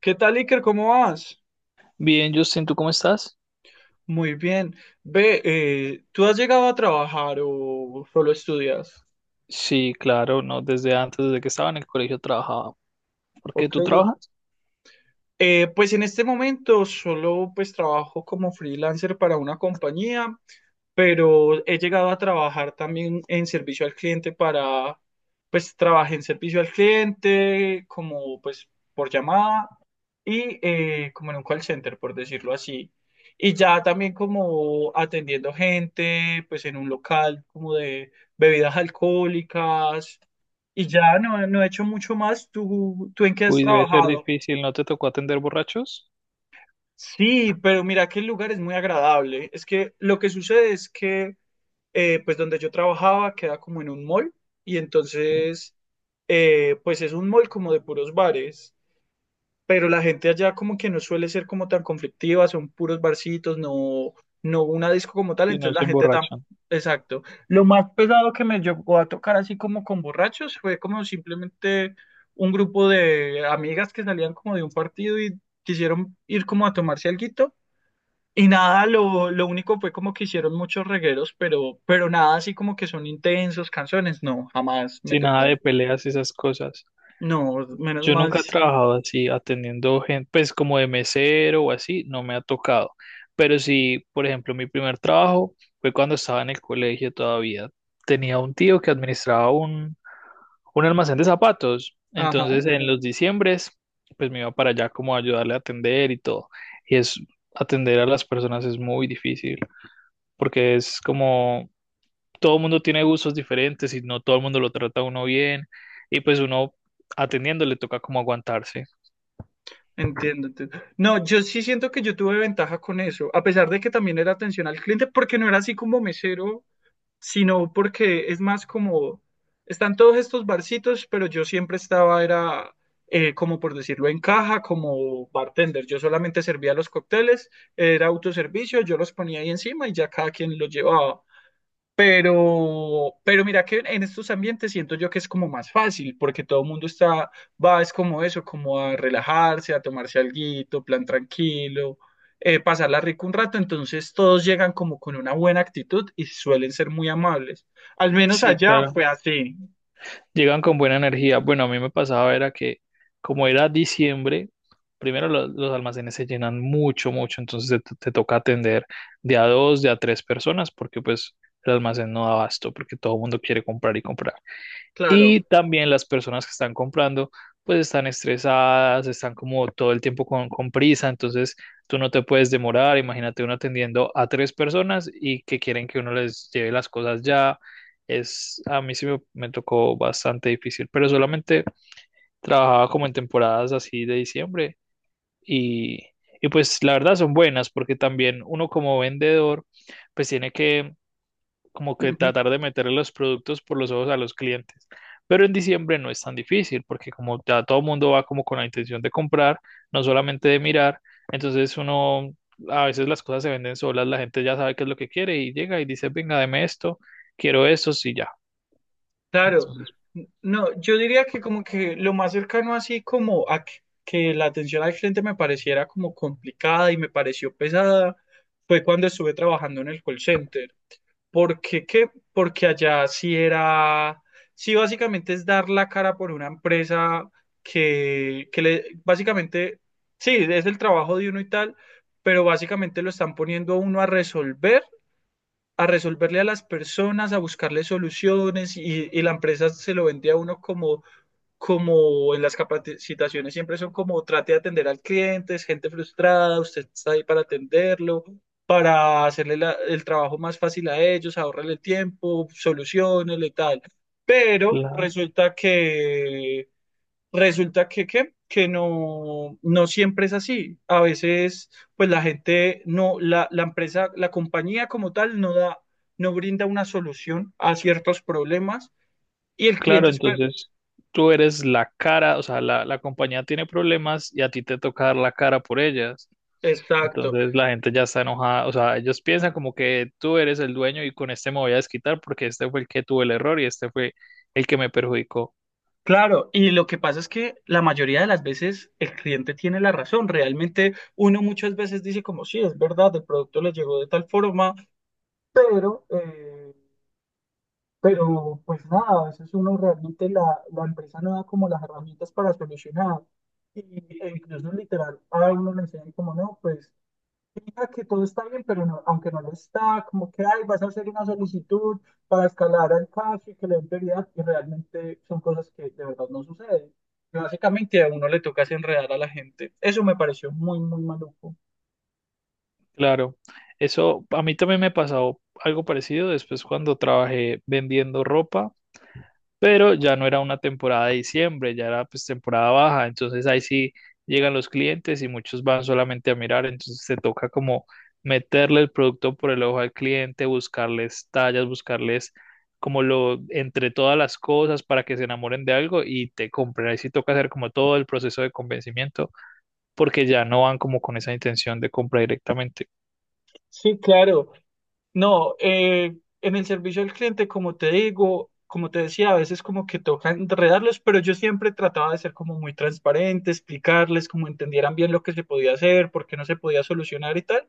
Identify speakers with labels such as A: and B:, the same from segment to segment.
A: ¿Qué tal, Iker? ¿Cómo vas?
B: Bien, Justin, ¿tú cómo estás?
A: Muy bien. Ve, ¿tú has llegado a trabajar o solo estudias?
B: Sí, claro, no, desde antes, desde que estaba en el colegio trabajaba. ¿Por qué
A: Ok,
B: tú trabajas?
A: Pues en este momento solo pues trabajo como freelancer para una compañía, pero he llegado a trabajar también en servicio al cliente para, pues trabajé en servicio al cliente como pues por llamada y como en un call center, por decirlo así. Y ya también como atendiendo gente pues en un local como de bebidas alcohólicas y ya no he hecho mucho más. ¿Tú ¿en qué has
B: Uy, debe ser
A: trabajado?
B: difícil, ¿no te tocó atender borrachos?
A: Sí, pero mira que el lugar es muy agradable. Es que lo que sucede es que, pues donde yo trabajaba queda como en un mall y
B: Sí,
A: entonces, pues es un mall como de puros bares, pero la gente allá como que no suele ser como tan conflictiva, son puros barcitos, no una disco como tal,
B: sí,
A: entonces
B: no
A: la
B: se
A: gente tan...
B: emborrachan.
A: Exacto. Lo más pesado que me llegó a tocar así como con borrachos fue como simplemente un grupo de amigas que salían como de un partido y quisieron ir como a tomarse alguito y nada, lo único fue como que hicieron muchos regueros, pero nada así como que son intensos canciones. No, jamás me
B: Sin nada de
A: tocó.
B: peleas y esas cosas.
A: No, menos
B: Yo
A: mal.
B: nunca he trabajado así atendiendo gente, pues como de mesero o así, no me ha tocado. Pero sí, por ejemplo, mi primer trabajo fue cuando estaba en el colegio todavía. Tenía un tío que administraba un almacén de zapatos.
A: Ajá,
B: Entonces, en los diciembres, pues me iba para allá como a ayudarle a atender y todo. Y es, atender a las personas es muy difícil porque es como todo el mundo tiene gustos diferentes y no todo el mundo lo trata a uno bien. Y pues uno atendiendo le toca como aguantarse.
A: entiendo. No, yo sí siento que yo tuve ventaja con eso, a pesar de que también era atención al cliente, porque no era así como mesero sino porque es más como, están todos estos barcitos, pero yo siempre estaba, era como por decirlo, en caja, como bartender. Yo solamente servía los cócteles, era autoservicio, yo los ponía ahí encima y ya cada quien los llevaba. Pero mira que en estos ambientes siento yo que es como más fácil, porque todo el mundo está, va, es como eso, como a relajarse, a tomarse alguito, plan tranquilo, pasarla rico un rato, entonces todos llegan como con una buena actitud y suelen ser muy amables. Al menos
B: Sí,
A: allá
B: claro.
A: fue así,
B: Llegan con buena energía. Bueno, a mí me pasaba era que como era diciembre, primero almacenes se llenan mucho, mucho. Entonces te toca atender de a dos, de a tres personas, porque pues el almacén no da abasto, porque todo el mundo quiere comprar y comprar. Y
A: claro.
B: también las personas que están comprando, pues están estresadas, están como todo el tiempo con prisa. Entonces tú no te puedes demorar. Imagínate uno atendiendo a tres personas y que quieren que uno les lleve las cosas ya. Es, a mí sí me tocó bastante difícil, pero solamente trabajaba como en temporadas así de diciembre y, y pues la verdad son buenas porque también uno como vendedor pues tiene que como que tratar de meter los productos por los ojos a los clientes. Pero en diciembre no es tan difícil porque como ya todo el mundo va como con la intención de comprar, no solamente de mirar, entonces uno, a veces las cosas se venden solas, la gente ya sabe qué es lo que quiere y llega y dice, venga, deme esto, quiero esto, sí, ya.
A: Claro,
B: Entonces,
A: No, yo diría que como que lo más cercano así como a que la atención al cliente me pareciera como complicada y me pareció pesada fue cuando estuve trabajando en el call center. ¿Por qué qué? Porque allá sí era, sí básicamente es dar la cara por una empresa que le, básicamente, sí, es el trabajo de uno y tal, pero básicamente lo están poniendo a uno a resolver a resolverle a las personas, a buscarle soluciones y la empresa se lo vende a uno como, como en las capacitaciones siempre son como trate de atender al cliente, es gente frustrada, usted está ahí para atenderlo, para hacerle el trabajo más fácil a ellos, ahorrarle el tiempo, soluciones y tal. Pero
B: claro,
A: resulta que resulta que no, no siempre es así. A veces, pues la gente no, la empresa, la compañía como tal no da, no brinda una solución a ciertos problemas y el
B: claro,
A: cliente espera.
B: entonces tú eres la cara, o sea, la compañía tiene problemas y a ti te toca dar la cara por ellas.
A: Exacto.
B: Entonces la gente ya está enojada, o sea, ellos piensan como que tú eres el dueño y con este me voy a desquitar porque este fue el que tuvo el error y este fue el que me perjudicó.
A: Claro, y lo que pasa es que la mayoría de las veces el cliente tiene la razón. Realmente uno muchas veces dice como sí, es verdad, el producto le llegó de tal forma, pero pero pues nada, a veces uno realmente la empresa no da como las herramientas para solucionar. Y, e incluso literal, a uno le enseñan como no, pues fija que todo está bien, pero no, aunque no lo está, como que ay, vas a hacer una solicitud para escalar al caso y que le den prioridad, y realmente son cosas que de verdad no suceden. Y básicamente a uno le toca es enredar a la gente. Eso me pareció muy, muy maluco.
B: Claro, eso a mí también me pasó algo parecido después cuando trabajé vendiendo ropa. Pero ya no era una temporada de diciembre, ya era pues temporada baja. Entonces ahí sí llegan los clientes y muchos van solamente a mirar, entonces te toca como meterle el producto por el ojo al cliente, buscarles tallas, buscarles como lo entre todas las cosas para que se enamoren de algo y te compren. Ahí sí toca hacer como todo el proceso de convencimiento porque ya no van como con esa intención de compra directamente.
A: Sí, claro. No, en el servicio al cliente, como te digo, como te decía, a veces como que toca enredarlos, pero yo siempre trataba de ser como muy transparente, explicarles, como entendieran bien lo que se podía hacer, por qué no se podía solucionar y tal.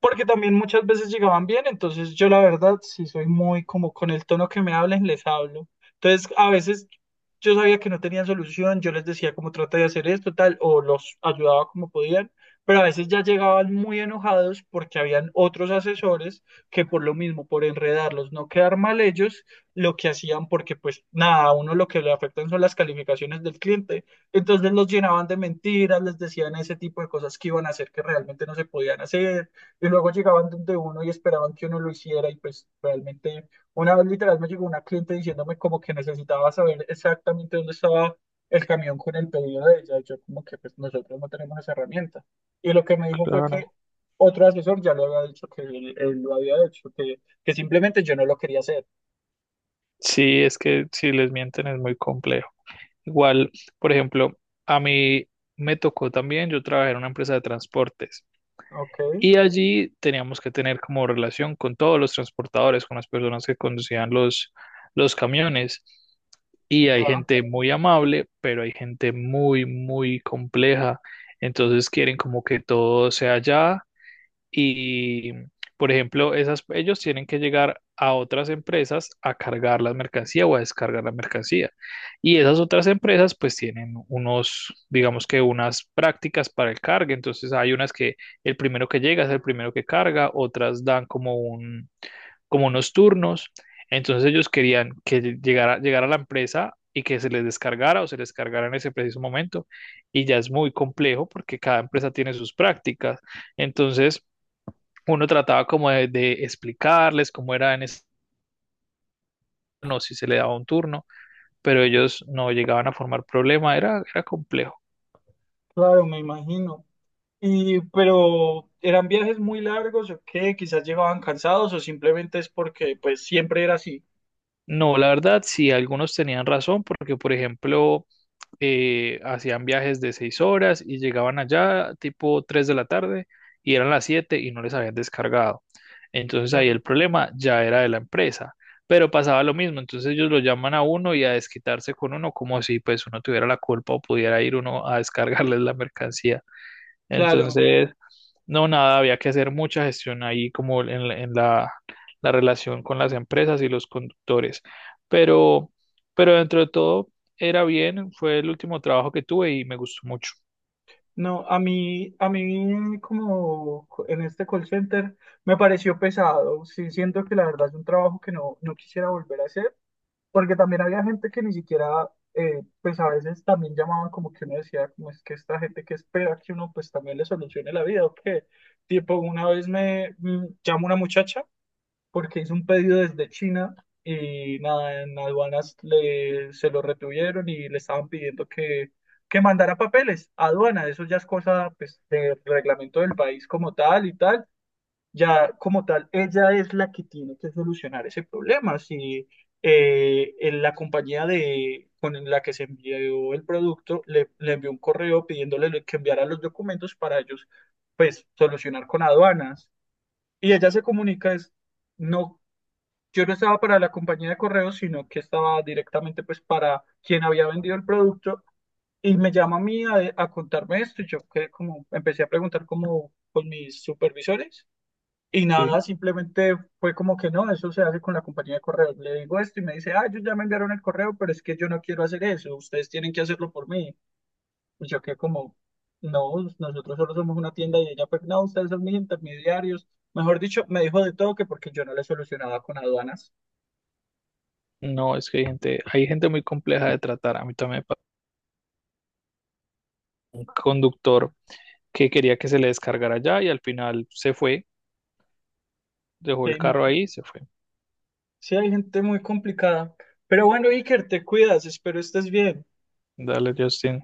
A: Porque también muchas veces llegaban bien, entonces yo la verdad sí soy muy como con el tono que me hablen, les hablo. Entonces a veces yo sabía que no tenían solución, yo les decía como trata de hacer esto, tal, o los ayudaba como podían, pero a veces ya llegaban muy enojados porque habían otros asesores que por lo mismo, por enredarlos, no quedar mal ellos, lo que hacían porque pues nada, a uno lo que le afectan son las calificaciones del cliente, entonces los llenaban de mentiras, les decían ese tipo de cosas que iban a hacer que realmente no se podían hacer y luego llegaban donde uno y esperaban que uno lo hiciera y pues realmente una vez literal me llegó una cliente diciéndome como que necesitaba saber exactamente dónde estaba el camión con el pedido de ella. Y yo como que pues nosotros no tenemos esa herramienta. Y lo que me dijo fue que
B: Claro.
A: otro asesor ya le había dicho que él lo había hecho, que simplemente yo no lo quería hacer.
B: Sí, es que si les mienten es muy complejo. Igual, por ejemplo, a mí me tocó también, yo trabajé en una empresa de transportes
A: Ok,
B: y allí teníamos que tener como relación con todos los transportadores, con las personas que conducían los camiones. Y hay
A: ya,
B: gente muy amable, pero hay gente muy, muy compleja. Entonces quieren como que todo sea ya y, por ejemplo, esas, ellos tienen que llegar a otras empresas a cargar la mercancía o a descargar la mercancía. Y esas otras empresas pues tienen unos, digamos que unas prácticas para el cargue. Entonces hay unas que el primero que llega es el primero que carga, otras dan como un, como unos turnos. Entonces ellos querían que llegara a la empresa y que se les descargara o se les cargara en ese preciso momento. Y ya es muy complejo porque cada empresa tiene sus prácticas. Entonces uno trataba como de explicarles cómo era en este turno, si se le daba un turno, pero ellos no llegaban a formar problema, era, era complejo.
A: claro, me imagino. Y pero eran viajes muy largos o qué, quizás llegaban cansados o simplemente es porque pues siempre era así.
B: No, la verdad, sí, algunos tenían razón, porque por ejemplo, hacían viajes de 6 horas y llegaban allá tipo 3 de la tarde y eran las 7 y no les habían descargado. Entonces ahí
A: Claro,
B: el problema ya era de la empresa, pero pasaba lo mismo, entonces ellos lo llaman a uno y a desquitarse con uno como si pues uno tuviera la culpa o pudiera ir uno a descargarles la mercancía.
A: claro.
B: Entonces, no, nada, había que hacer mucha gestión ahí como en, la relación con las empresas y los conductores. Pero, pero dentro de todo era bien, fue el último trabajo que tuve y me gustó mucho.
A: No, a mí como en este call center me pareció pesado. Sí, siento que la verdad es un trabajo que no, no quisiera volver a hacer, porque también había gente que ni siquiera, pues a veces también llamaban como que uno decía, como es que esta gente que espera que uno pues también le solucione la vida o qué. Tipo, una vez me llamó una muchacha porque hizo un pedido desde China y nada, en aduanas se lo retuvieron y le estaban pidiendo que mandara papeles a aduana. Eso ya es cosa pues, del reglamento del país como tal y tal. Ya como tal, ella es la que tiene que solucionar ese problema. Si en la compañía de, con la que se envió el producto le envió un correo pidiéndole que enviara los documentos para ellos, pues, solucionar con aduanas. Y ella se comunica, es, no, yo no estaba para la compañía de correos, sino que estaba directamente pues para quien había vendido el producto y me llama a mí a contarme esto y yo que como empecé a preguntar como con mis supervisores y
B: Sí,
A: nada, simplemente fue como que no, eso se hace con la compañía de correos. Le digo esto y me dice, ah, ellos ya me enviaron el correo, pero es que yo no quiero hacer eso, ustedes tienen que hacerlo por mí. Y yo que como, no, nosotros solo somos una tienda y ella, pues no, ustedes son mis intermediarios. Mejor dicho, me dijo de todo que porque yo no le solucionaba con aduanas.
B: no, es que hay gente muy compleja de tratar. A mí también me pasó un conductor que quería que se le descargara allá y al final se fue, dejó el
A: Sí, no,
B: carro ahí y se fue.
A: sí, hay gente muy complicada. Pero bueno, Iker, te cuidas, espero estés bien.
B: Dale, Justin.